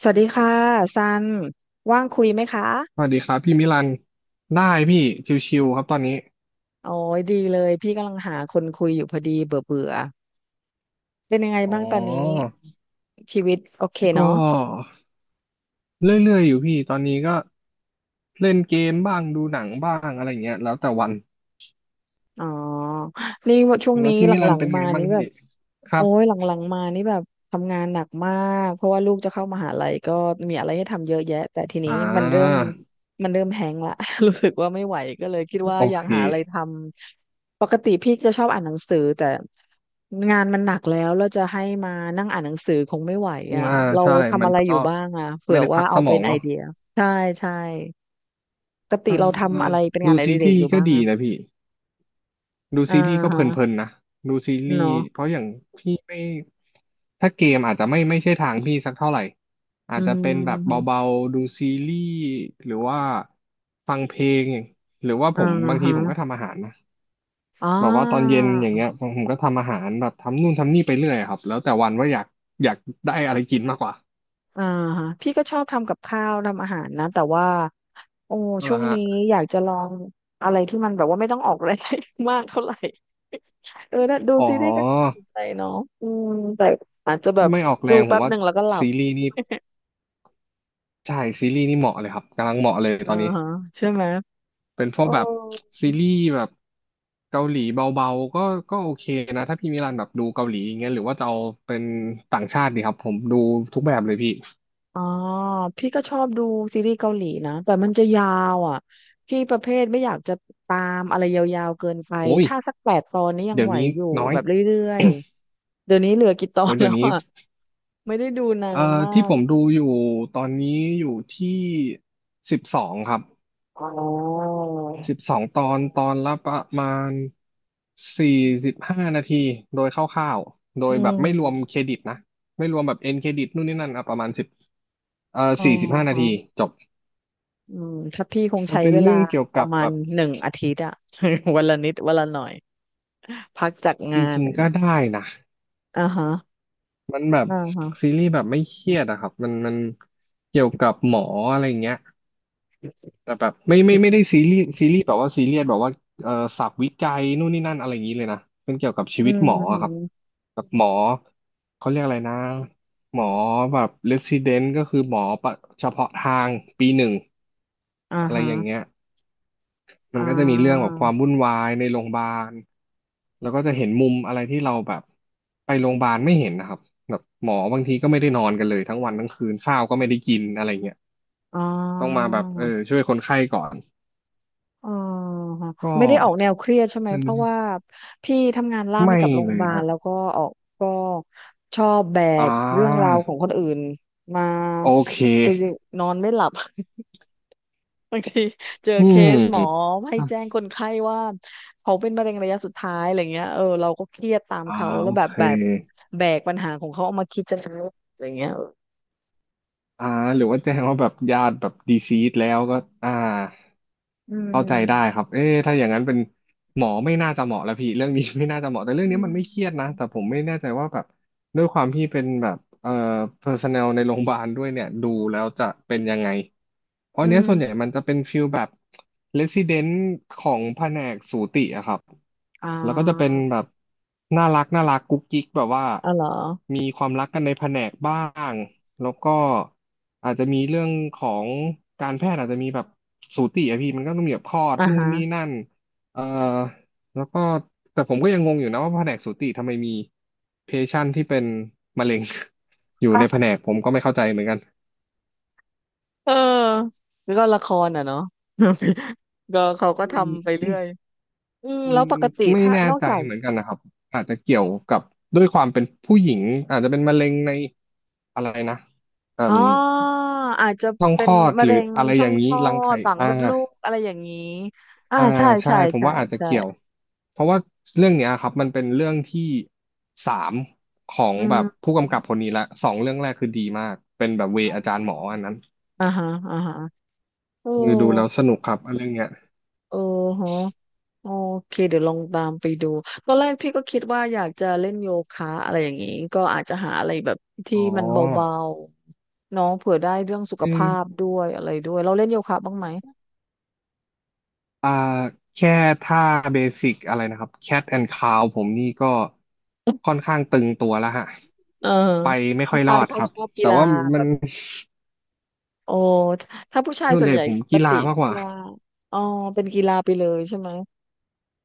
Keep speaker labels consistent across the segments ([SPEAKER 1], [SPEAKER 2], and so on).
[SPEAKER 1] สวัสดีค่ะซันว่างคุยไหมคะ
[SPEAKER 2] สวัสดีครับพี่มิลันได้พี่ชิวๆครับตอนนี้
[SPEAKER 1] โอ้ยดีเลยพี่กำลังหาคนคุยอยู่พอดีเบื่อเบื่อเป็นยังไง
[SPEAKER 2] อ๋
[SPEAKER 1] บ้างตอนนี้
[SPEAKER 2] อ
[SPEAKER 1] ชีวิตโอเค
[SPEAKER 2] ก็
[SPEAKER 1] เนาะ
[SPEAKER 2] เรื่อยๆอยู่พี่ตอนนี้ก็เล่นเกมบ้างดูหนังบ้างอะไรเงี้ยแล้วแต่วัน
[SPEAKER 1] อ๋อนี่ว่าช่วง
[SPEAKER 2] แล้
[SPEAKER 1] นี้
[SPEAKER 2] วพี่มิลันเป็นไงบ้างพี่ครับ
[SPEAKER 1] หลังๆมานี่แบบทำงานหนักมากเพราะว่าลูกจะเข้ามหาลัยก็มีอะไรให้ทำเยอะแยะแต่ทีนี้
[SPEAKER 2] อ่
[SPEAKER 1] มันเริ่ม
[SPEAKER 2] า
[SPEAKER 1] มันเริ่มแฮงก์ละ รู้สึกว่าไม่ไหวก็เลยคิดว่า
[SPEAKER 2] โอ
[SPEAKER 1] อยา
[SPEAKER 2] เค
[SPEAKER 1] กหาอะไรทำปกติพี่จะชอบอ่านหนังสือแต่งานมันหนักแล้วจะให้มานั่งอ่านหนังสือคงไม่ไหวอ่ะ
[SPEAKER 2] อ่า
[SPEAKER 1] เรา
[SPEAKER 2] ใช่
[SPEAKER 1] ทำ
[SPEAKER 2] มัน
[SPEAKER 1] อะไร
[SPEAKER 2] ก็
[SPEAKER 1] อยู่บ้างอ่ะเผื่
[SPEAKER 2] ไม่
[SPEAKER 1] อ
[SPEAKER 2] ได้พั
[SPEAKER 1] ว่า
[SPEAKER 2] กส
[SPEAKER 1] เอา
[SPEAKER 2] ม
[SPEAKER 1] เป็
[SPEAKER 2] อ
[SPEAKER 1] น
[SPEAKER 2] ง
[SPEAKER 1] ไอ
[SPEAKER 2] เนาะ
[SPEAKER 1] เดียใช่ใช่ปกติ
[SPEAKER 2] เอ่
[SPEAKER 1] เราทำ
[SPEAKER 2] อ
[SPEAKER 1] อะไรเป็นงา
[SPEAKER 2] ดู
[SPEAKER 1] นอ
[SPEAKER 2] ซี
[SPEAKER 1] ดิเรก
[SPEAKER 2] รี
[SPEAKER 1] อ
[SPEAKER 2] ส์
[SPEAKER 1] ยู่
[SPEAKER 2] ก็
[SPEAKER 1] บ้าง
[SPEAKER 2] ดี
[SPEAKER 1] อ่ะ
[SPEAKER 2] นะพี่ ดู
[SPEAKER 1] อ่า
[SPEAKER 2] ซีรีส์ก็เพลิ
[SPEAKER 1] ฮะ
[SPEAKER 2] นๆนะดูซีรีส์
[SPEAKER 1] เนาะ
[SPEAKER 2] เพราะอย่างพี่ไม่ถ้าเกมอาจจะไม่ใช่ทางพี่สักเท่าไหร่อา
[SPEAKER 1] อื
[SPEAKER 2] จจะเป็นแบบ
[SPEAKER 1] ม
[SPEAKER 2] เบาๆดูซีรีส์หรือว่าฟังเพลงอย่างหรือว่าผ
[SPEAKER 1] อ่า
[SPEAKER 2] มบางที
[SPEAKER 1] ฮะ
[SPEAKER 2] ผมก็ทำอาหารนะ
[SPEAKER 1] อ่
[SPEAKER 2] แบบว่าตอน
[SPEAKER 1] า
[SPEAKER 2] เย็นอย่างเงี้ยผมก็ทำอาหารแบบทำนู่นทำนี่ไปเรื่อยครับแล้วแต่วันว่าอยากอยากได้อะไรกินมากกว่า
[SPEAKER 1] อ่าฮะพี่ก็ชอบทำกับข้าวทำอาหารนะแต่ว่าโอ้
[SPEAKER 2] ก็
[SPEAKER 1] ช่ว
[SPEAKER 2] ละ
[SPEAKER 1] ง
[SPEAKER 2] ฮะ
[SPEAKER 1] นี้อยากจะลองอะไรที่มันแบบว่าไม่ต้องออกแรงมากเท่าไหร่ เออน่ะดู
[SPEAKER 2] อ๋
[SPEAKER 1] ซีรีส์ก็น่าส
[SPEAKER 2] อ
[SPEAKER 1] นใจเนาะอืมแต่อาจจะแบ
[SPEAKER 2] ถ้า
[SPEAKER 1] บ
[SPEAKER 2] ไม่ออกแร
[SPEAKER 1] ดู
[SPEAKER 2] งผ
[SPEAKER 1] แป๊
[SPEAKER 2] ม
[SPEAKER 1] บห
[SPEAKER 2] ว่า
[SPEAKER 1] นึ่งแล้วก็หลับ
[SPEAKER 2] ซีรีส์นี่ใช่ซีรีส์นี่เหมาะเลยครับกำลังเหมาะเลย
[SPEAKER 1] อ่า
[SPEAKER 2] ตอนนี้
[SPEAKER 1] ฮะใช่ไหม
[SPEAKER 2] เป็นพว
[SPEAKER 1] เอ
[SPEAKER 2] ก
[SPEAKER 1] อ
[SPEAKER 2] แบบซีรีส์แบบเกาหลีเบาๆก็โอเคนะถ้าพี่มิลันแบบดูเกาหลีอย่างเงี้ยหรือว่าจะเอาเป็นต่างชาติดีครับผมดูทุกแบบเลยพี่
[SPEAKER 1] อ๋อพี่ก็ชอบดูซีรีส์เกาหลีนะแต่มันจะยาวอ่ะพี่ประเภทไม่อยากจะตามอะไรยาวๆเกินไป
[SPEAKER 2] โอ้ย
[SPEAKER 1] ถ้าสัก8 ตอนนี้ยัง
[SPEAKER 2] เดี๋ยว
[SPEAKER 1] ไหว
[SPEAKER 2] นี้
[SPEAKER 1] อยู่
[SPEAKER 2] น้อย
[SPEAKER 1] แบบเรื่อยๆเดี๋ยวนี้เหลือกี่ตอ
[SPEAKER 2] โอ้
[SPEAKER 1] น
[SPEAKER 2] ยเดี๋
[SPEAKER 1] แล้
[SPEAKER 2] ยว
[SPEAKER 1] ว
[SPEAKER 2] นี้
[SPEAKER 1] อ่ะ ไม่ได้ดูนานมา
[SPEAKER 2] ที่
[SPEAKER 1] ก
[SPEAKER 2] ผมดูอยู่ตอนนี้อยู่ที่สิบสองครับ
[SPEAKER 1] อ๋อ
[SPEAKER 2] สิบสองตอนตอนละประมาณสี่สิบห้านาทีโดยคร่าวๆโด
[SPEAKER 1] อื
[SPEAKER 2] ยแบบไม่รวมเค
[SPEAKER 1] ม
[SPEAKER 2] รดิตนะไม่รวมแบบเอ็นเครดิตนู่นนี่นั่นอ่ะประมาณสิบเอ่อ
[SPEAKER 1] อ๋อ
[SPEAKER 2] สี่สิบห้านา
[SPEAKER 1] ฮะ
[SPEAKER 2] ทีจบ
[SPEAKER 1] อืมถ้าพี่คง
[SPEAKER 2] จะ
[SPEAKER 1] ใช้
[SPEAKER 2] เป็น
[SPEAKER 1] เวลา
[SPEAKER 2] เรื่องเกี่ยว
[SPEAKER 1] ป
[SPEAKER 2] กั
[SPEAKER 1] ระ
[SPEAKER 2] บ
[SPEAKER 1] มา
[SPEAKER 2] แบ
[SPEAKER 1] ณ
[SPEAKER 2] บ
[SPEAKER 1] หนึ่งอาทิตย์อ่ะ วันละนิดวันละหน่อยพักจาก
[SPEAKER 2] จ
[SPEAKER 1] งานอะ
[SPEAKER 2] ริง
[SPEAKER 1] ไร
[SPEAKER 2] ๆก็
[SPEAKER 1] เงี้ย
[SPEAKER 2] ได้นะ
[SPEAKER 1] อ่าฮะ
[SPEAKER 2] มันแบบ
[SPEAKER 1] อ่าฮะ
[SPEAKER 2] ซีรีส์แบบไม่เครียดอะครับมันเกี่ยวกับหมออะไรเงี้ยแต่แบบไม่ได้ซีรีส์แบบว่าซีเรียสแบบว่าเอ่อศัพท์วิจัยนู่นนี่นั่นอะไรอย่างนี้เลยนะเป็นเกี่ยวกับชี
[SPEAKER 1] อื
[SPEAKER 2] วิตห
[SPEAKER 1] ม
[SPEAKER 2] มอ
[SPEAKER 1] ฮึ
[SPEAKER 2] อะครับแบบหมอเขาเรียกอะไรนะหมอแบบเรสซิเดนต์ก็คือหมอประเฉพาะทางปีหนึ่ง
[SPEAKER 1] อ่า
[SPEAKER 2] อะไร
[SPEAKER 1] ฮะ
[SPEAKER 2] อย่างเงี้ย มั
[SPEAKER 1] อ่
[SPEAKER 2] นก็จะมีเรื่องแบ
[SPEAKER 1] า
[SPEAKER 2] บความวุ่นวายในโรงพยาบาล แล้วก็จะเห็นมุมอะไรที่เราแบบไปโรงพยาบาลไม่เห็นนะครับแบบหมอบางทีก็ไม่ได้นอนกันเลยทั้งวันทั้งคืนข้าวก็ไม่ได้กินอะไรเงี้ย
[SPEAKER 1] อ๋อ
[SPEAKER 2] ต้องมาแบบเออช่วยคนไข้ก่อน
[SPEAKER 1] อ๋อ
[SPEAKER 2] ก็
[SPEAKER 1] ไม่ได้ออกแนวเครียดใช่ไหมเพราะว่า
[SPEAKER 2] ไ
[SPEAKER 1] พี่ทำงานล่าม
[SPEAKER 2] ม่
[SPEAKER 1] ให้กับโรง
[SPEAKER 2] เล
[SPEAKER 1] พยา
[SPEAKER 2] ย
[SPEAKER 1] บาล
[SPEAKER 2] ฮะ
[SPEAKER 1] แล้วก็ออกก็ชอบแบ
[SPEAKER 2] อ่
[SPEAKER 1] กเรื่องราว
[SPEAKER 2] า
[SPEAKER 1] ของคนอื่นมา
[SPEAKER 2] โอเค
[SPEAKER 1] คือนอนไม่หลับ บางทีเจอ
[SPEAKER 2] อื
[SPEAKER 1] เคสหมอ
[SPEAKER 2] ม
[SPEAKER 1] ให้แจ้งคนไข้ว่าเขาเป็นมะเร็งระยะสุดท้ายอะไรเงี้ยเออเราก็เครียดตาม
[SPEAKER 2] อ่า
[SPEAKER 1] เขาแล้
[SPEAKER 2] โอ
[SPEAKER 1] วแบบ
[SPEAKER 2] เค
[SPEAKER 1] แบบแบกปัญหาของเขาเอามาคิดจะทำอะไรเงี้ยเออ
[SPEAKER 2] อ่าหรือว่าแจ้งว่าแบบญาติแบบดีซีดแล้วก็อ่า
[SPEAKER 1] อื
[SPEAKER 2] เข้าใจได้ค
[SPEAKER 1] ม
[SPEAKER 2] รับเอ๊ะถ้าอย่างนั้นเป็น หมอไม่น่าจะเหมาะแล้วพี่เรื่องนี้ ไม่น่าจะเหมาะแต่เรื่อ
[SPEAKER 1] อื
[SPEAKER 2] งนี้มันไม่เครียดนะ
[SPEAKER 1] ม
[SPEAKER 2] แต่ผมไม่แน่ใจว่าแบบด้วยความที่เป็นแบบpersonnel ในโรงพยาบาลด้วยเนี่ยดูแล้วจะเป็นยังไงเพราะ
[SPEAKER 1] อื
[SPEAKER 2] อันเนี้ย
[SPEAKER 1] ม
[SPEAKER 2] ส่วนใหญ่มันจะเป็นฟิลแบบ resident ของแผนกสูติอะครับ
[SPEAKER 1] อ่
[SPEAKER 2] แล้วก็จะเป็น
[SPEAKER 1] า
[SPEAKER 2] แบบน่ารักน่ารักกุ๊กกิ๊กแบบว่า
[SPEAKER 1] อ๋อเหรอ
[SPEAKER 2] มีความรักกันในแผนกบ้างแล้วก็อาจจะมีเรื่องของการแพทย์อาจจะมีแบบสูติอะพี่มันก็ต้องมีแบบคลอด
[SPEAKER 1] อ่า
[SPEAKER 2] นู่น
[SPEAKER 1] ฮะ
[SPEAKER 2] นี่นั่น เอ่อแล้วก็แต่ผมก็ยังงงอยู่นะว่าแผนกสูติทำไมมีเพชันที่เป็นมะเร็ง อยู่ในแผนกผมก็ไม่เข้าใจเหมือนกัน
[SPEAKER 1] เออแล้วก็ละครอ่ะเนาะ ก็เขาก็
[SPEAKER 2] อื
[SPEAKER 1] ทำไป
[SPEAKER 2] ม
[SPEAKER 1] เรื่อยอืม
[SPEAKER 2] มั
[SPEAKER 1] แล้
[SPEAKER 2] น
[SPEAKER 1] วปกติ
[SPEAKER 2] ไม่
[SPEAKER 1] ถ้า
[SPEAKER 2] แน่
[SPEAKER 1] นอก
[SPEAKER 2] ใจ
[SPEAKER 1] จาก
[SPEAKER 2] เหมือนกันนะครับอาจจะเกี่ยวกับด้วยความเป็นผู้หญิงอาจจะเป็นมะเร็งในอะไรนะอื
[SPEAKER 1] อ๋อ
[SPEAKER 2] ม
[SPEAKER 1] อาจจะ
[SPEAKER 2] ช่อง
[SPEAKER 1] เป็
[SPEAKER 2] ค
[SPEAKER 1] น
[SPEAKER 2] ลอด
[SPEAKER 1] มะ
[SPEAKER 2] หรื
[SPEAKER 1] เร็
[SPEAKER 2] อ
[SPEAKER 1] ง
[SPEAKER 2] อะไร
[SPEAKER 1] ช่
[SPEAKER 2] อ
[SPEAKER 1] อง
[SPEAKER 2] ย่าง
[SPEAKER 1] ค
[SPEAKER 2] นี้
[SPEAKER 1] ลอ
[SPEAKER 2] รัง
[SPEAKER 1] ด
[SPEAKER 2] ไข่
[SPEAKER 1] ปากม
[SPEAKER 2] อ่า
[SPEAKER 1] ดลูกอะไรอย่างนี้อ่า
[SPEAKER 2] อ่า
[SPEAKER 1] ใช่
[SPEAKER 2] ใช่
[SPEAKER 1] ใช่
[SPEAKER 2] ผม
[SPEAKER 1] ใช่
[SPEAKER 2] ว่าอาจจะ
[SPEAKER 1] ใช่
[SPEAKER 2] เกี่ยวเพราะว่าเรื่องเนี้ยครับมันเป็นเรื่องที่สามของ
[SPEAKER 1] อื
[SPEAKER 2] แบ
[SPEAKER 1] ม
[SPEAKER 2] บผู้กำกับคนนี้ละสองเรื่องแรกคือดีมากเป็นแบบเวอาจารย์หมออันนั้น
[SPEAKER 1] อ่าฮะอ่าฮะโอ้
[SPEAKER 2] คือดูแล้วสนุกครับอันเรื่องเนี้ย
[SPEAKER 1] โอ้โห โอเคเดี๋ยวลองตามไปดูตอนแรกพี่ก็คิดว่าอยากจะเล่นโยคะอะไรอย่างนี้ก็อาจจะหาอะไรแบบที่
[SPEAKER 2] อ๋
[SPEAKER 1] มันเบา
[SPEAKER 2] อ
[SPEAKER 1] ๆเน้องเผื่อได้เรื่องสุข
[SPEAKER 2] เออ
[SPEAKER 1] ภาพด้วยอะไรด้วยเราเล่นโยคะบ้างไหม
[SPEAKER 2] อ่าแค่ท่าเบสิกอะไรนะครับ Cat and Cow ผมนี่ก็ค่อนข้างตึงตัวแล้วฮะ
[SPEAKER 1] เออ
[SPEAKER 2] ไปไม่ค่
[SPEAKER 1] ผู้
[SPEAKER 2] อยร
[SPEAKER 1] ชา
[SPEAKER 2] อ
[SPEAKER 1] ย
[SPEAKER 2] ด
[SPEAKER 1] เขา
[SPEAKER 2] ครับ
[SPEAKER 1] ชอบกี
[SPEAKER 2] แต่
[SPEAKER 1] ฬา
[SPEAKER 2] ว่า
[SPEAKER 1] แบ
[SPEAKER 2] มัน
[SPEAKER 1] บโอ้ถ้าผู้ชาย
[SPEAKER 2] ส่วน
[SPEAKER 1] ส่ว
[SPEAKER 2] ให
[SPEAKER 1] น
[SPEAKER 2] ญ่
[SPEAKER 1] ใหญ่
[SPEAKER 2] ผม
[SPEAKER 1] ปก
[SPEAKER 2] กีฬา
[SPEAKER 1] ติ
[SPEAKER 2] มากก
[SPEAKER 1] กี
[SPEAKER 2] ว่า
[SPEAKER 1] ฬาอ๋อเป็นกีฬาไปเลยใช่ไหม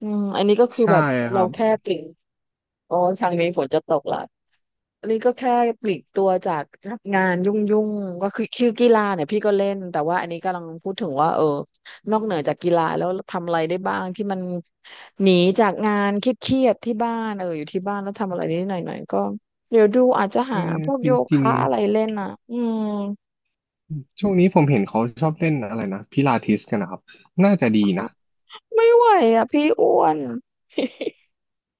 [SPEAKER 1] อืมอันนี้ก็คือ
[SPEAKER 2] ใช่
[SPEAKER 1] แบบ
[SPEAKER 2] ค
[SPEAKER 1] เรา
[SPEAKER 2] รับ
[SPEAKER 1] แค่ปลีกอ๋อทางนี้ฝนจะตกละอันนี้ก็แค่ปลีกตัวจากงานยุ่งๆก็คือกีฬาเนี่ยพี่ก็เล่นแต่ว่าอันนี้กำลังพูดถึงว่าเออนอกเหนือจากกีฬาแล้วทำอะไรได้บ้างที่มันหนีจากงานเครียดๆที่บ้านเอออยู่ที่บ้านแล้วทำอะไรนิดหน่อยๆก็เดี๋ยวดูอาจจะ
[SPEAKER 2] เอ
[SPEAKER 1] หา
[SPEAKER 2] อ
[SPEAKER 1] พวก
[SPEAKER 2] จ
[SPEAKER 1] โย
[SPEAKER 2] ริง
[SPEAKER 1] คะอะไร
[SPEAKER 2] ๆ
[SPEAKER 1] เล่นอ่ะอืม
[SPEAKER 2] ช่วงนี้ผมเห็นเขาชอบเล่นอะไรนะพิลาทิสกันนะครับน่าจะดีนะ
[SPEAKER 1] ไม่ไหวอ่ะพี่อ้วน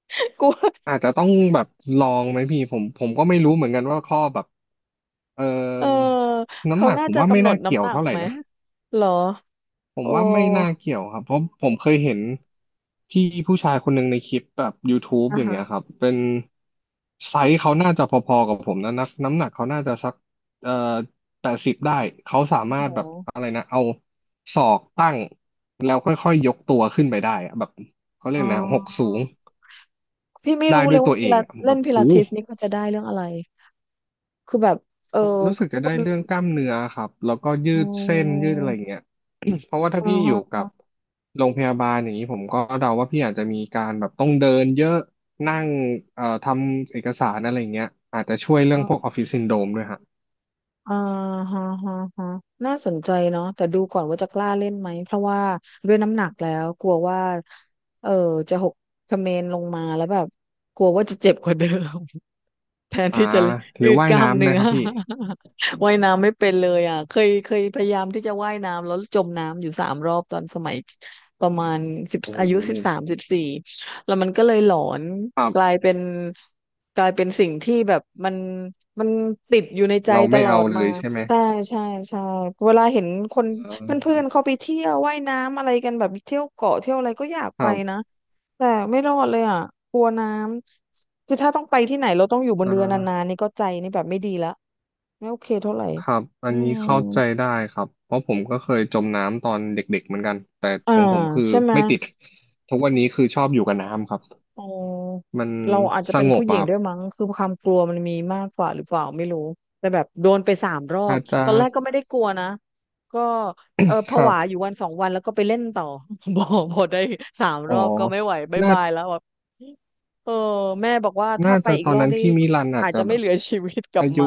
[SPEAKER 1] กลัว
[SPEAKER 2] อาจจะต้องแบบลองไหมพี่ผมก็ไม่รู้เหมือนกันว่าข้อแบบเออ
[SPEAKER 1] เออ
[SPEAKER 2] น้ำ
[SPEAKER 1] เขา
[SPEAKER 2] หนัก
[SPEAKER 1] น่า
[SPEAKER 2] ผม
[SPEAKER 1] จะ
[SPEAKER 2] ว่าไม่
[SPEAKER 1] กำหนด
[SPEAKER 2] น่าเกี่
[SPEAKER 1] น้ำ
[SPEAKER 2] ย
[SPEAKER 1] ห
[SPEAKER 2] ว
[SPEAKER 1] นัก
[SPEAKER 2] เท่าไหร่
[SPEAKER 1] ไหม
[SPEAKER 2] นะ
[SPEAKER 1] เหรอ
[SPEAKER 2] ผม
[SPEAKER 1] โอ้
[SPEAKER 2] ว่าไม่น่าเกี่ยวครับเพราะผมเคยเห็นพี่ผู้ชายคนหนึ่งในคลิปแบบ YouTube
[SPEAKER 1] อ่า
[SPEAKER 2] อย่าง
[SPEAKER 1] ฮะ
[SPEAKER 2] เงี้ยครับเป็นไซส์เขาน่าจะพอๆกับผมนะนักน้ำหนักเขาน่าจะสักเอ่อ80ได้เขาสา
[SPEAKER 1] โอ้
[SPEAKER 2] มาร
[SPEAKER 1] โห
[SPEAKER 2] ถแบบอะไรนะเอาศอกตั้งแล้วค่อยๆยกตัวขึ้นไปได้อะแบบเขาเรี
[SPEAKER 1] อ๋
[SPEAKER 2] ยกนะหกสู
[SPEAKER 1] อ
[SPEAKER 2] ง
[SPEAKER 1] พี่ไม่
[SPEAKER 2] ได้
[SPEAKER 1] รู้
[SPEAKER 2] ด้
[SPEAKER 1] เล
[SPEAKER 2] ว
[SPEAKER 1] ย
[SPEAKER 2] ย
[SPEAKER 1] ว่า
[SPEAKER 2] ตัวเอ
[SPEAKER 1] พิ
[SPEAKER 2] ง
[SPEAKER 1] ลา
[SPEAKER 2] อะแบ
[SPEAKER 1] เล่น
[SPEAKER 2] บ
[SPEAKER 1] พิลา
[SPEAKER 2] หู
[SPEAKER 1] ทิสนี่เขาจะได้เรื่องอะไร คือแบบเออ
[SPEAKER 2] รู้สึกจะ
[SPEAKER 1] ค
[SPEAKER 2] ได้
[SPEAKER 1] น
[SPEAKER 2] เรื่องกล้ามเนื้อครับแล้วก็ยื
[SPEAKER 1] อ๋
[SPEAKER 2] ดเส้นยื
[SPEAKER 1] อ
[SPEAKER 2] ดอะไรอย่างเงี้ย เพราะว่าถ้า
[SPEAKER 1] อ๋อ
[SPEAKER 2] พี่อยู่
[SPEAKER 1] อ๋
[SPEAKER 2] กับ
[SPEAKER 1] อ
[SPEAKER 2] โรงพยาบาลอย่างนี้ผมก็เดาว่าพี่อาจจะมีการแบบต้องเดินเยอะนั่งทำเอกสารอะไรอย่างเงี้ยอาจจะช่วยเรื่
[SPEAKER 1] อ๋
[SPEAKER 2] องพวกอ
[SPEAKER 1] อ
[SPEAKER 2] อฟฟิศซินโดรมด้วยฮะ
[SPEAKER 1] อ๋อฮะฮะฮะน่าสนใจเนาะแต่ดูก่อนว่าจะกล้าเล่นไหม เพราะว่าด้วยน้ำหนักแล้วกลัวว่าเออจะหกเขมรลงมาแล้วแบบกลัวว่าจะเจ็บกว่าเดิม แทน
[SPEAKER 2] อ่า
[SPEAKER 1] ที่จะ
[SPEAKER 2] หรื
[SPEAKER 1] ยื
[SPEAKER 2] อ
[SPEAKER 1] ด
[SPEAKER 2] ว่า
[SPEAKER 1] ก
[SPEAKER 2] ย
[SPEAKER 1] ล้าม
[SPEAKER 2] น้ำไหม
[SPEAKER 1] เนื้อ
[SPEAKER 2] ครับพี่
[SPEAKER 1] ว่ายน้ำไม่เป็นเลยอ่ะเคยพยายามที่จะว่ายน้ำแล้วจมน้ำอยู่สามรอบตอนสมัยประมาณ
[SPEAKER 2] โอ้
[SPEAKER 1] อายุ
[SPEAKER 2] โห
[SPEAKER 1] 13 14แล้วมันก็เลยหลอน
[SPEAKER 2] ครั
[SPEAKER 1] กลาย
[SPEAKER 2] บ
[SPEAKER 1] เป็นกลายเป็นสิ่งที่แบบมันติดอยู่ในใจ
[SPEAKER 2] เรา
[SPEAKER 1] ต
[SPEAKER 2] ไม่
[SPEAKER 1] ลอ
[SPEAKER 2] เอา
[SPEAKER 1] ดมา
[SPEAKER 2] เลยใช่ไหม
[SPEAKER 1] ใช่ใช่ใช่เวลาเห็นคน
[SPEAKER 2] เอ
[SPEAKER 1] เพื่
[SPEAKER 2] อ
[SPEAKER 1] อนๆเขาไปเที่ยวว่ายน้ำอะไรกันแบบเที่ยวเกาะเที่ยวอะไรก็อยาก
[SPEAKER 2] ค
[SPEAKER 1] ไป
[SPEAKER 2] รั
[SPEAKER 1] นะ
[SPEAKER 2] บ
[SPEAKER 1] แต่ไม่รอดเลยอ่ะกลัวน้ำ คือถ้าต้องไปที่ไหนเราต้องอยู่บน
[SPEAKER 2] อ่
[SPEAKER 1] เรือนา
[SPEAKER 2] า
[SPEAKER 1] นๆนี่ก็ใจนี่แบบไม่ดีละไม่โอเคเท่าไหร่
[SPEAKER 2] ครับอั
[SPEAKER 1] อื
[SPEAKER 2] นนี้
[SPEAKER 1] ม
[SPEAKER 2] เข้าใจได้ครับเพราะผมก็เคยจมน้ำตอนเด็กๆเหมือนกันแต่
[SPEAKER 1] อ่า
[SPEAKER 2] ของผมคือ
[SPEAKER 1] ใช่ไหม
[SPEAKER 2] ไม่ติดทุกวันนี้คือชอบอยู่กับน้ำครับ
[SPEAKER 1] อ๋อ
[SPEAKER 2] มัน
[SPEAKER 1] เราอาจจะ
[SPEAKER 2] ส
[SPEAKER 1] เป็น
[SPEAKER 2] ง
[SPEAKER 1] ผู้
[SPEAKER 2] บ
[SPEAKER 1] หญิ
[SPEAKER 2] อะ
[SPEAKER 1] ง
[SPEAKER 2] ครับ
[SPEAKER 1] ด้วยมั้งคือความกลัวมันมีมากกว่าหรือเปล่าไม่รู้แต่แบบโดนไปสามรอ
[SPEAKER 2] อา
[SPEAKER 1] บ
[SPEAKER 2] จจะ
[SPEAKER 1] ตอนแรกก็ไม่ได้กลัวนะก็เออผ
[SPEAKER 2] ครั
[SPEAKER 1] วาอ
[SPEAKER 2] บ
[SPEAKER 1] ยู่วัน2 วันแล้วก็ไปเล่นต่อ บอพอได้สามร
[SPEAKER 2] อ๋อ
[SPEAKER 1] อบก็ไม่ไหวบาย
[SPEAKER 2] น่า
[SPEAKER 1] บายแล้วแบบเออแม่บอกว่าถ้าไป
[SPEAKER 2] จะ
[SPEAKER 1] อี
[SPEAKER 2] ต
[SPEAKER 1] ก
[SPEAKER 2] อ
[SPEAKER 1] ร
[SPEAKER 2] น
[SPEAKER 1] อบ
[SPEAKER 2] นั้น
[SPEAKER 1] นี่
[SPEAKER 2] พี่มิลันอาจ
[SPEAKER 1] อาจ
[SPEAKER 2] จะ
[SPEAKER 1] จะ
[SPEAKER 2] แบ
[SPEAKER 1] ไม่
[SPEAKER 2] บ
[SPEAKER 1] เหลือชีวิตกลับ
[SPEAKER 2] อายุ
[SPEAKER 1] มา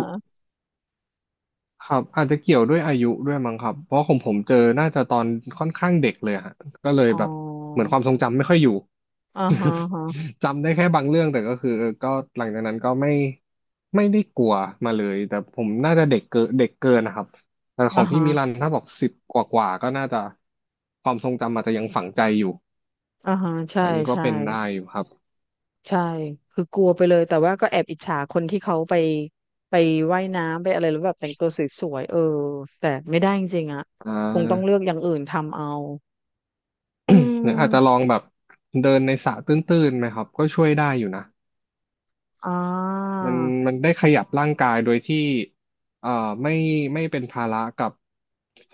[SPEAKER 2] ครับอาจจะเกี่ยวด้วยอายุด้วยมั้งครับเพราะของผมเจอน่าจะตอนค่อนข้างเด็กเลยฮะก็เลย
[SPEAKER 1] อ๋อ
[SPEAKER 2] แบบเหมือนความทรงจำไม่ค่อยอยู่
[SPEAKER 1] อ่าฮะ
[SPEAKER 2] จำได้แค่บางเรื่องแต่ก็คือเออก็หลังจากนั้นก็ไม่ได้กลัวมาเลยแต่ผมน่าจะเด็กเกินนะครับแต่ข
[SPEAKER 1] อ่า
[SPEAKER 2] องพี่
[SPEAKER 1] ฮะ
[SPEAKER 2] มิลันถ้าบอกสิบกว่าก็น่าจะความทรงจำอาจจะยังฝังใจอยู่
[SPEAKER 1] อ่าฮะอ่าฮะใช่
[SPEAKER 2] อันนี้ก็
[SPEAKER 1] ใช่
[SPEAKER 2] เป็นได้อยู่ครับ
[SPEAKER 1] ใช่ คือกลัวไปเลย แต่ว่าก็แอบอิจฉาคนที่เขาไปไปว่ายน้ำไปอะไรแล้วแบบแต่งตัวสวยๆเออแต่ไม่ได้จริงๆอ่ะ
[SPEAKER 2] อ่
[SPEAKER 1] คงต้องเลื
[SPEAKER 2] า
[SPEAKER 1] อกอย่างอื่นทำเอาอื
[SPEAKER 2] หรืออาจจะล
[SPEAKER 1] ม
[SPEAKER 2] องแบบเดินในสระตื้นๆไหมครับก็ช่วยได้อยู่นะ
[SPEAKER 1] อ่า
[SPEAKER 2] มันได้ขยับร่างกายโดยที่เอ่อไม่เป็นภาระกับ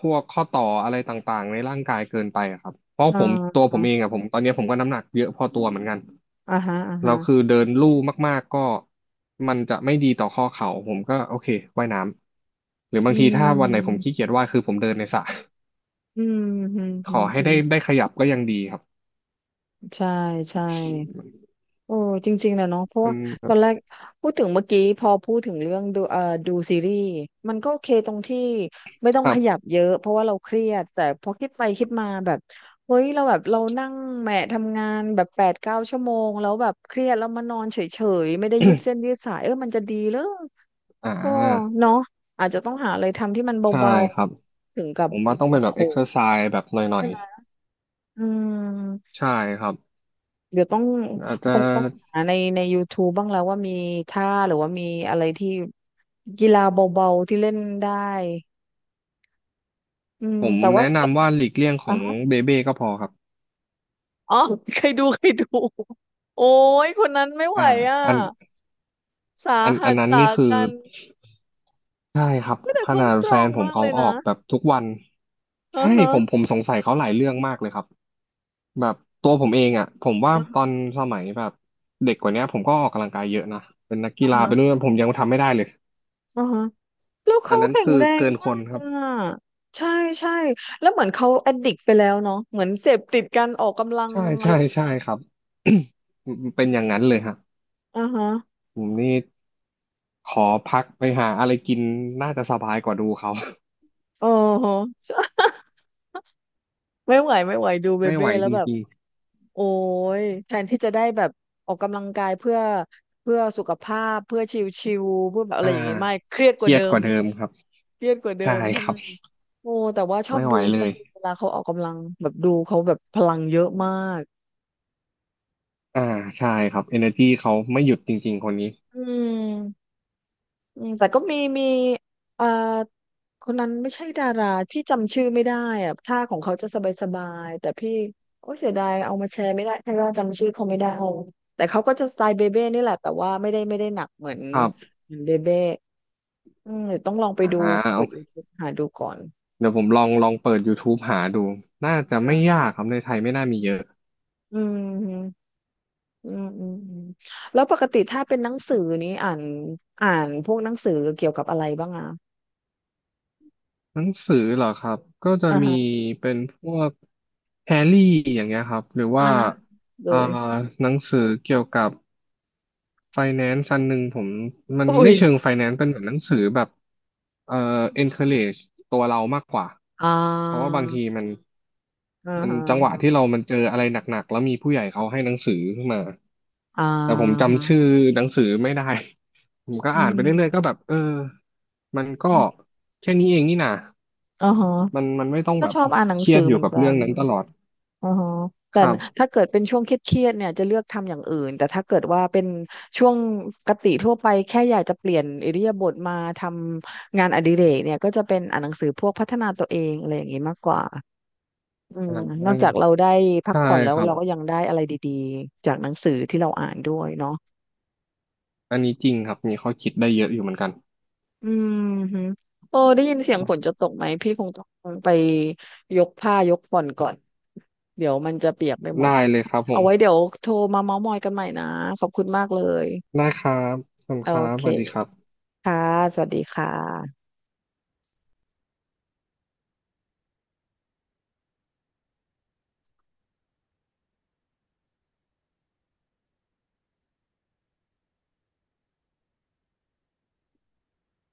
[SPEAKER 2] พวกข้อต่ออะไรต่างๆในร่างกายเกินไปอะครับเพราะผมตั
[SPEAKER 1] อ่า
[SPEAKER 2] วผมเองอะผมตอนเนี้ยผมก็น้ำหนักเยอะพอตัวเหมือนกัน
[SPEAKER 1] อ่าฮะอ่า
[SPEAKER 2] แล้วคือ
[SPEAKER 1] ฮะ
[SPEAKER 2] เดินลู่มากๆก็มันจะไม่ดีต่อข้อเข่าผมก็โอเคว่ายน้ำหรือ
[SPEAKER 1] อื
[SPEAKER 2] บางทีถ้าวันไหนผม
[SPEAKER 1] ม
[SPEAKER 2] ขี้เกียจว่ายคือผมเดินในสระ
[SPEAKER 1] อืมอืม
[SPEAKER 2] ข
[SPEAKER 1] อื
[SPEAKER 2] อ
[SPEAKER 1] ม
[SPEAKER 2] ให้
[SPEAKER 1] อื
[SPEAKER 2] ได้
[SPEAKER 1] ม
[SPEAKER 2] ขยับก็ยังดีครับ
[SPEAKER 1] ใช่ใช่ โอ้จริงๆนะเนาะเพราะ
[SPEAKER 2] มั
[SPEAKER 1] ว่า
[SPEAKER 2] น
[SPEAKER 1] ตอนแรกพูดถึงเมื่อกี้พอพูดถึงเรื่องดูดูซีรีส์มันก็โอเคตรงที่ไม่ต้อ
[SPEAKER 2] ค
[SPEAKER 1] ง
[SPEAKER 2] รั
[SPEAKER 1] ขยับ
[SPEAKER 2] บ
[SPEAKER 1] เยอะเพราะว่าเราเครียดแต่พอคิดไปคิดมาแบบเฮ้ยเราแบบเรานั่งแหมะทำงานแบบแปดเก้าชั่วโมงแล้วแบบเครียดแล้วมานอนเฉยๆไม่ได้ยืดเส้นยืดสายเออมันจะดีเหรอ
[SPEAKER 2] อ่า
[SPEAKER 1] ก็เนาะอาจจะต้องหาอะไรทำที่มันเ
[SPEAKER 2] ใช่
[SPEAKER 1] บา
[SPEAKER 2] ครับ
[SPEAKER 1] ๆถึงกับ
[SPEAKER 2] ผมว่าต้อง
[SPEAKER 1] หั
[SPEAKER 2] เป็น
[SPEAKER 1] ก
[SPEAKER 2] แบบ
[SPEAKER 1] โห
[SPEAKER 2] เอ็กซ์เซ
[SPEAKER 1] ม
[SPEAKER 2] อร์ไซส์แบบหน่อ
[SPEAKER 1] ใช่
[SPEAKER 2] ย
[SPEAKER 1] ไหม
[SPEAKER 2] ๆ
[SPEAKER 1] อืม
[SPEAKER 2] ใช่ครับ
[SPEAKER 1] เดี๋ยวต้อง
[SPEAKER 2] อาจจะ
[SPEAKER 1] คงต้องหาใน YouTube บ้างแล้วว่ามีท่าหรือว่ามีอะไรที่กีฬาเบาๆที่เล่นได้อืม
[SPEAKER 2] ผม
[SPEAKER 1] แต่ว่า
[SPEAKER 2] แนะนำว่าหลีกเลี่ยงข
[SPEAKER 1] อ๋
[SPEAKER 2] อง
[SPEAKER 1] อ
[SPEAKER 2] เบเบ้ก็พอครับ
[SPEAKER 1] อ๋อเคยดูโอ้ยคนนั้นไม่ไหว
[SPEAKER 2] อ่า
[SPEAKER 1] อ่ะ
[SPEAKER 2] อัน
[SPEAKER 1] สาหัส
[SPEAKER 2] นั้น
[SPEAKER 1] สา
[SPEAKER 2] นี่คือ
[SPEAKER 1] กัน
[SPEAKER 2] ใช่ครับ
[SPEAKER 1] เฮ้ยแต่
[SPEAKER 2] ข
[SPEAKER 1] เขา
[SPEAKER 2] นาด
[SPEAKER 1] สตร
[SPEAKER 2] แฟ
[SPEAKER 1] อ
[SPEAKER 2] น
[SPEAKER 1] ง
[SPEAKER 2] ผม
[SPEAKER 1] มาก
[SPEAKER 2] เขา
[SPEAKER 1] เลย
[SPEAKER 2] ออ
[SPEAKER 1] นะ
[SPEAKER 2] กแบบทุกวัน
[SPEAKER 1] อ่า
[SPEAKER 2] ใช่
[SPEAKER 1] ฮะ
[SPEAKER 2] ผมสงสัยเขาหลายเรื่องมากเลยครับแบบตัวผมเองอ่ะผมว่า
[SPEAKER 1] อ่า
[SPEAKER 2] ตอน
[SPEAKER 1] ฮะ
[SPEAKER 2] สมัยแบบเด็กกว่าเนี้ยผมก็ออกกำลังกายเยอะนะเป็นนัก
[SPEAKER 1] อ
[SPEAKER 2] กีฬาเป็นนู่
[SPEAKER 1] ่
[SPEAKER 2] นผมยังทำไม่ได้เลย
[SPEAKER 1] าฮะแล้ว
[SPEAKER 2] อั
[SPEAKER 1] เขา
[SPEAKER 2] นนั้น
[SPEAKER 1] แข็ง
[SPEAKER 2] คือ
[SPEAKER 1] แรง
[SPEAKER 2] เกินค
[SPEAKER 1] มา
[SPEAKER 2] น
[SPEAKER 1] ก
[SPEAKER 2] ครับ
[SPEAKER 1] อ่ะใช่ใช่แล้วเหมือนเขาแอดดิกไปแล้วเนาะเหมือนเสพติดการออกกำลัง
[SPEAKER 2] ใช่
[SPEAKER 1] อะไร
[SPEAKER 2] ใช่
[SPEAKER 1] อย่าง
[SPEAKER 2] ใช่
[SPEAKER 1] เงี้ย
[SPEAKER 2] ครับ เป็นอย่างนั้นเลยฮะ
[SPEAKER 1] อ่าฮะ
[SPEAKER 2] ผมนี่ขอพักไปหาอะไรกินน่าจะสบายกว่าดูเขา
[SPEAKER 1] อ๋อ ไม่ไหวไม่ไหวดู เบ
[SPEAKER 2] ไม่ไห
[SPEAKER 1] เบ้
[SPEAKER 2] ว
[SPEAKER 1] แล้ว
[SPEAKER 2] จ
[SPEAKER 1] แบบ
[SPEAKER 2] ริง
[SPEAKER 1] โอ้ยแทนที่จะได้แบบออกกำลังกายเพื่อสุขภาพเพื่อชิลๆเพื่อแบบ
[SPEAKER 2] ๆ
[SPEAKER 1] อะไร
[SPEAKER 2] อ่า
[SPEAKER 1] อย่างเงี้ยไม่เครียด
[SPEAKER 2] เค
[SPEAKER 1] กว่า
[SPEAKER 2] รีย
[SPEAKER 1] เดิ
[SPEAKER 2] ดก
[SPEAKER 1] ม
[SPEAKER 2] ว่าเดิมครับ
[SPEAKER 1] เครียดกว่าเดิ
[SPEAKER 2] ใช่
[SPEAKER 1] มใช่
[SPEAKER 2] ครับ
[SPEAKER 1] โอ้แต่ว่า
[SPEAKER 2] ไม่ไหว
[SPEAKER 1] ช
[SPEAKER 2] เล
[SPEAKER 1] อบ
[SPEAKER 2] ย
[SPEAKER 1] ดูเวลาเขาออกกำลังแบบดูเขาแบบพลังเยอะมาก
[SPEAKER 2] อ่าใช่ครับ energy เขาไม่หยุดจริงๆคนนี้
[SPEAKER 1] อืม อืมแต่ก็มีเอ่อคนนั้นไม่ใช่ดาราพี่จำชื่อไม่ได้อะท่าของเขาจะสบายๆแต่พี่โอ้เสียดายเอามาแชร์ไม่ได้เพราะว่าจำชื่อเขาไม่ได้แต่เขาก็จะสไตล์เบเบ้นี่แหละแต่ว่าไม่ได้หนัก
[SPEAKER 2] ครับ
[SPEAKER 1] เหมือนเบเบ้อืมเดี๋ยวต้องลองไป
[SPEAKER 2] อ่า
[SPEAKER 1] ดูเปิ
[SPEAKER 2] โอ
[SPEAKER 1] ด
[SPEAKER 2] เค
[SPEAKER 1] YouTube หาดูก่อน
[SPEAKER 2] เดี๋ยวผมลองเปิด YouTube หาดูน่าจะ
[SPEAKER 1] อ่
[SPEAKER 2] ไม่ยา
[SPEAKER 1] า
[SPEAKER 2] กครับในไทยไม่น่ามีเยอะ
[SPEAKER 1] อืมอืมอืมอืมแล้วปกติถ้าเป็นหนังสือนี้อ่านพวกหนังสือเกี่ยวกับอะไรบ้างอ่ะ
[SPEAKER 2] หนังสือเหรอครับก็จะ
[SPEAKER 1] อ่า
[SPEAKER 2] มี
[SPEAKER 1] ฮะ
[SPEAKER 2] เป็นพวกแฮร์รี่อย่างเงี้ยครับหรือ
[SPEAKER 1] อ่า
[SPEAKER 2] ว่า
[SPEAKER 1] โด
[SPEAKER 2] อ่า
[SPEAKER 1] ย
[SPEAKER 2] หนังสือเกี่ยวกับ ไฟแนนซ์อันหนึ่งผมมัน
[SPEAKER 1] อุ้
[SPEAKER 2] ไม่
[SPEAKER 1] ย
[SPEAKER 2] เชิงไฟแนนซ์เป็นเหมือนหนังสือแบบเอ่อ encourage ตัวเรามากกว่า
[SPEAKER 1] อ่
[SPEAKER 2] เพราะว่าบางที
[SPEAKER 1] า
[SPEAKER 2] มัน
[SPEAKER 1] อ่าฮะ
[SPEAKER 2] จังหวะที่เรามันเจออะไรหนักๆแล้วมีผู้ใหญ่เขาให้หนังสือขึ้นมา
[SPEAKER 1] อ่า
[SPEAKER 2] แต่ผมจำ
[SPEAKER 1] ฮะ
[SPEAKER 2] ชื่อหนังสือไม่ได้ ผมก็
[SPEAKER 1] อื
[SPEAKER 2] อ่านไปเรื่อยๆก็แบบ
[SPEAKER 1] ม
[SPEAKER 2] เออมันก็แค่นี้เองนี่นะ
[SPEAKER 1] อ่าฮะ
[SPEAKER 2] มันไม่ต้อง
[SPEAKER 1] ก็
[SPEAKER 2] แบบ
[SPEAKER 1] ชอบอ่านหนัง
[SPEAKER 2] เครีย
[SPEAKER 1] สือ
[SPEAKER 2] ดอ
[SPEAKER 1] เห
[SPEAKER 2] ยู่
[SPEAKER 1] มือน
[SPEAKER 2] กับ
[SPEAKER 1] กั
[SPEAKER 2] เรื่อง
[SPEAKER 1] น
[SPEAKER 2] นั้นตลอด
[SPEAKER 1] อ่าฮะแต่
[SPEAKER 2] ครับ
[SPEAKER 1] ถ้าเกิดเป็นช่วงเครียดๆเนี่ยจะเลือกทำอย่างอื่นแต่ถ้าเกิดว่าเป็นช่วงปกติทั่วไปแค่อยากจะเปลี่ยนอิริยาบถมาทำงานอดิเรกเนี่ยก็จะเป็นอ่านหนังสือพวกพัฒนาตัวเองอะไรอย่างนี้มากกว่าอื
[SPEAKER 2] อ่
[SPEAKER 1] มนอกจาก
[SPEAKER 2] า
[SPEAKER 1] เราได้พัก
[SPEAKER 2] ใช่
[SPEAKER 1] ผ่อนแล้
[SPEAKER 2] ค
[SPEAKER 1] ว
[SPEAKER 2] รับ
[SPEAKER 1] เราก็ยังได้อะไรดีๆจากหนังสือที่เราอ่านด้วยเนาะ
[SPEAKER 2] อันนี้จริงครับมีข้อคิดได้เยอะอยู่เหมือนกัน
[SPEAKER 1] อืมฮึโอ้ได้ยินเสียงฝนจะตกไหมพี่คงต้องไปยกผ้ายกฝนก่อนเดี๋ยวมันจะเปียกไปหม
[SPEAKER 2] ได้
[SPEAKER 1] ด
[SPEAKER 2] เลยครับผ
[SPEAKER 1] เอา
[SPEAKER 2] ม
[SPEAKER 1] ไว้เดี๋ยวโทรมาเม้าท์มอยกันใหม่นะขอบคุณมากเลย
[SPEAKER 2] ได้ครับขอบคุ
[SPEAKER 1] โอ
[SPEAKER 2] ณครับ
[SPEAKER 1] เค
[SPEAKER 2] สวัสดีครับ
[SPEAKER 1] ค่ะสวัสดีค่ะ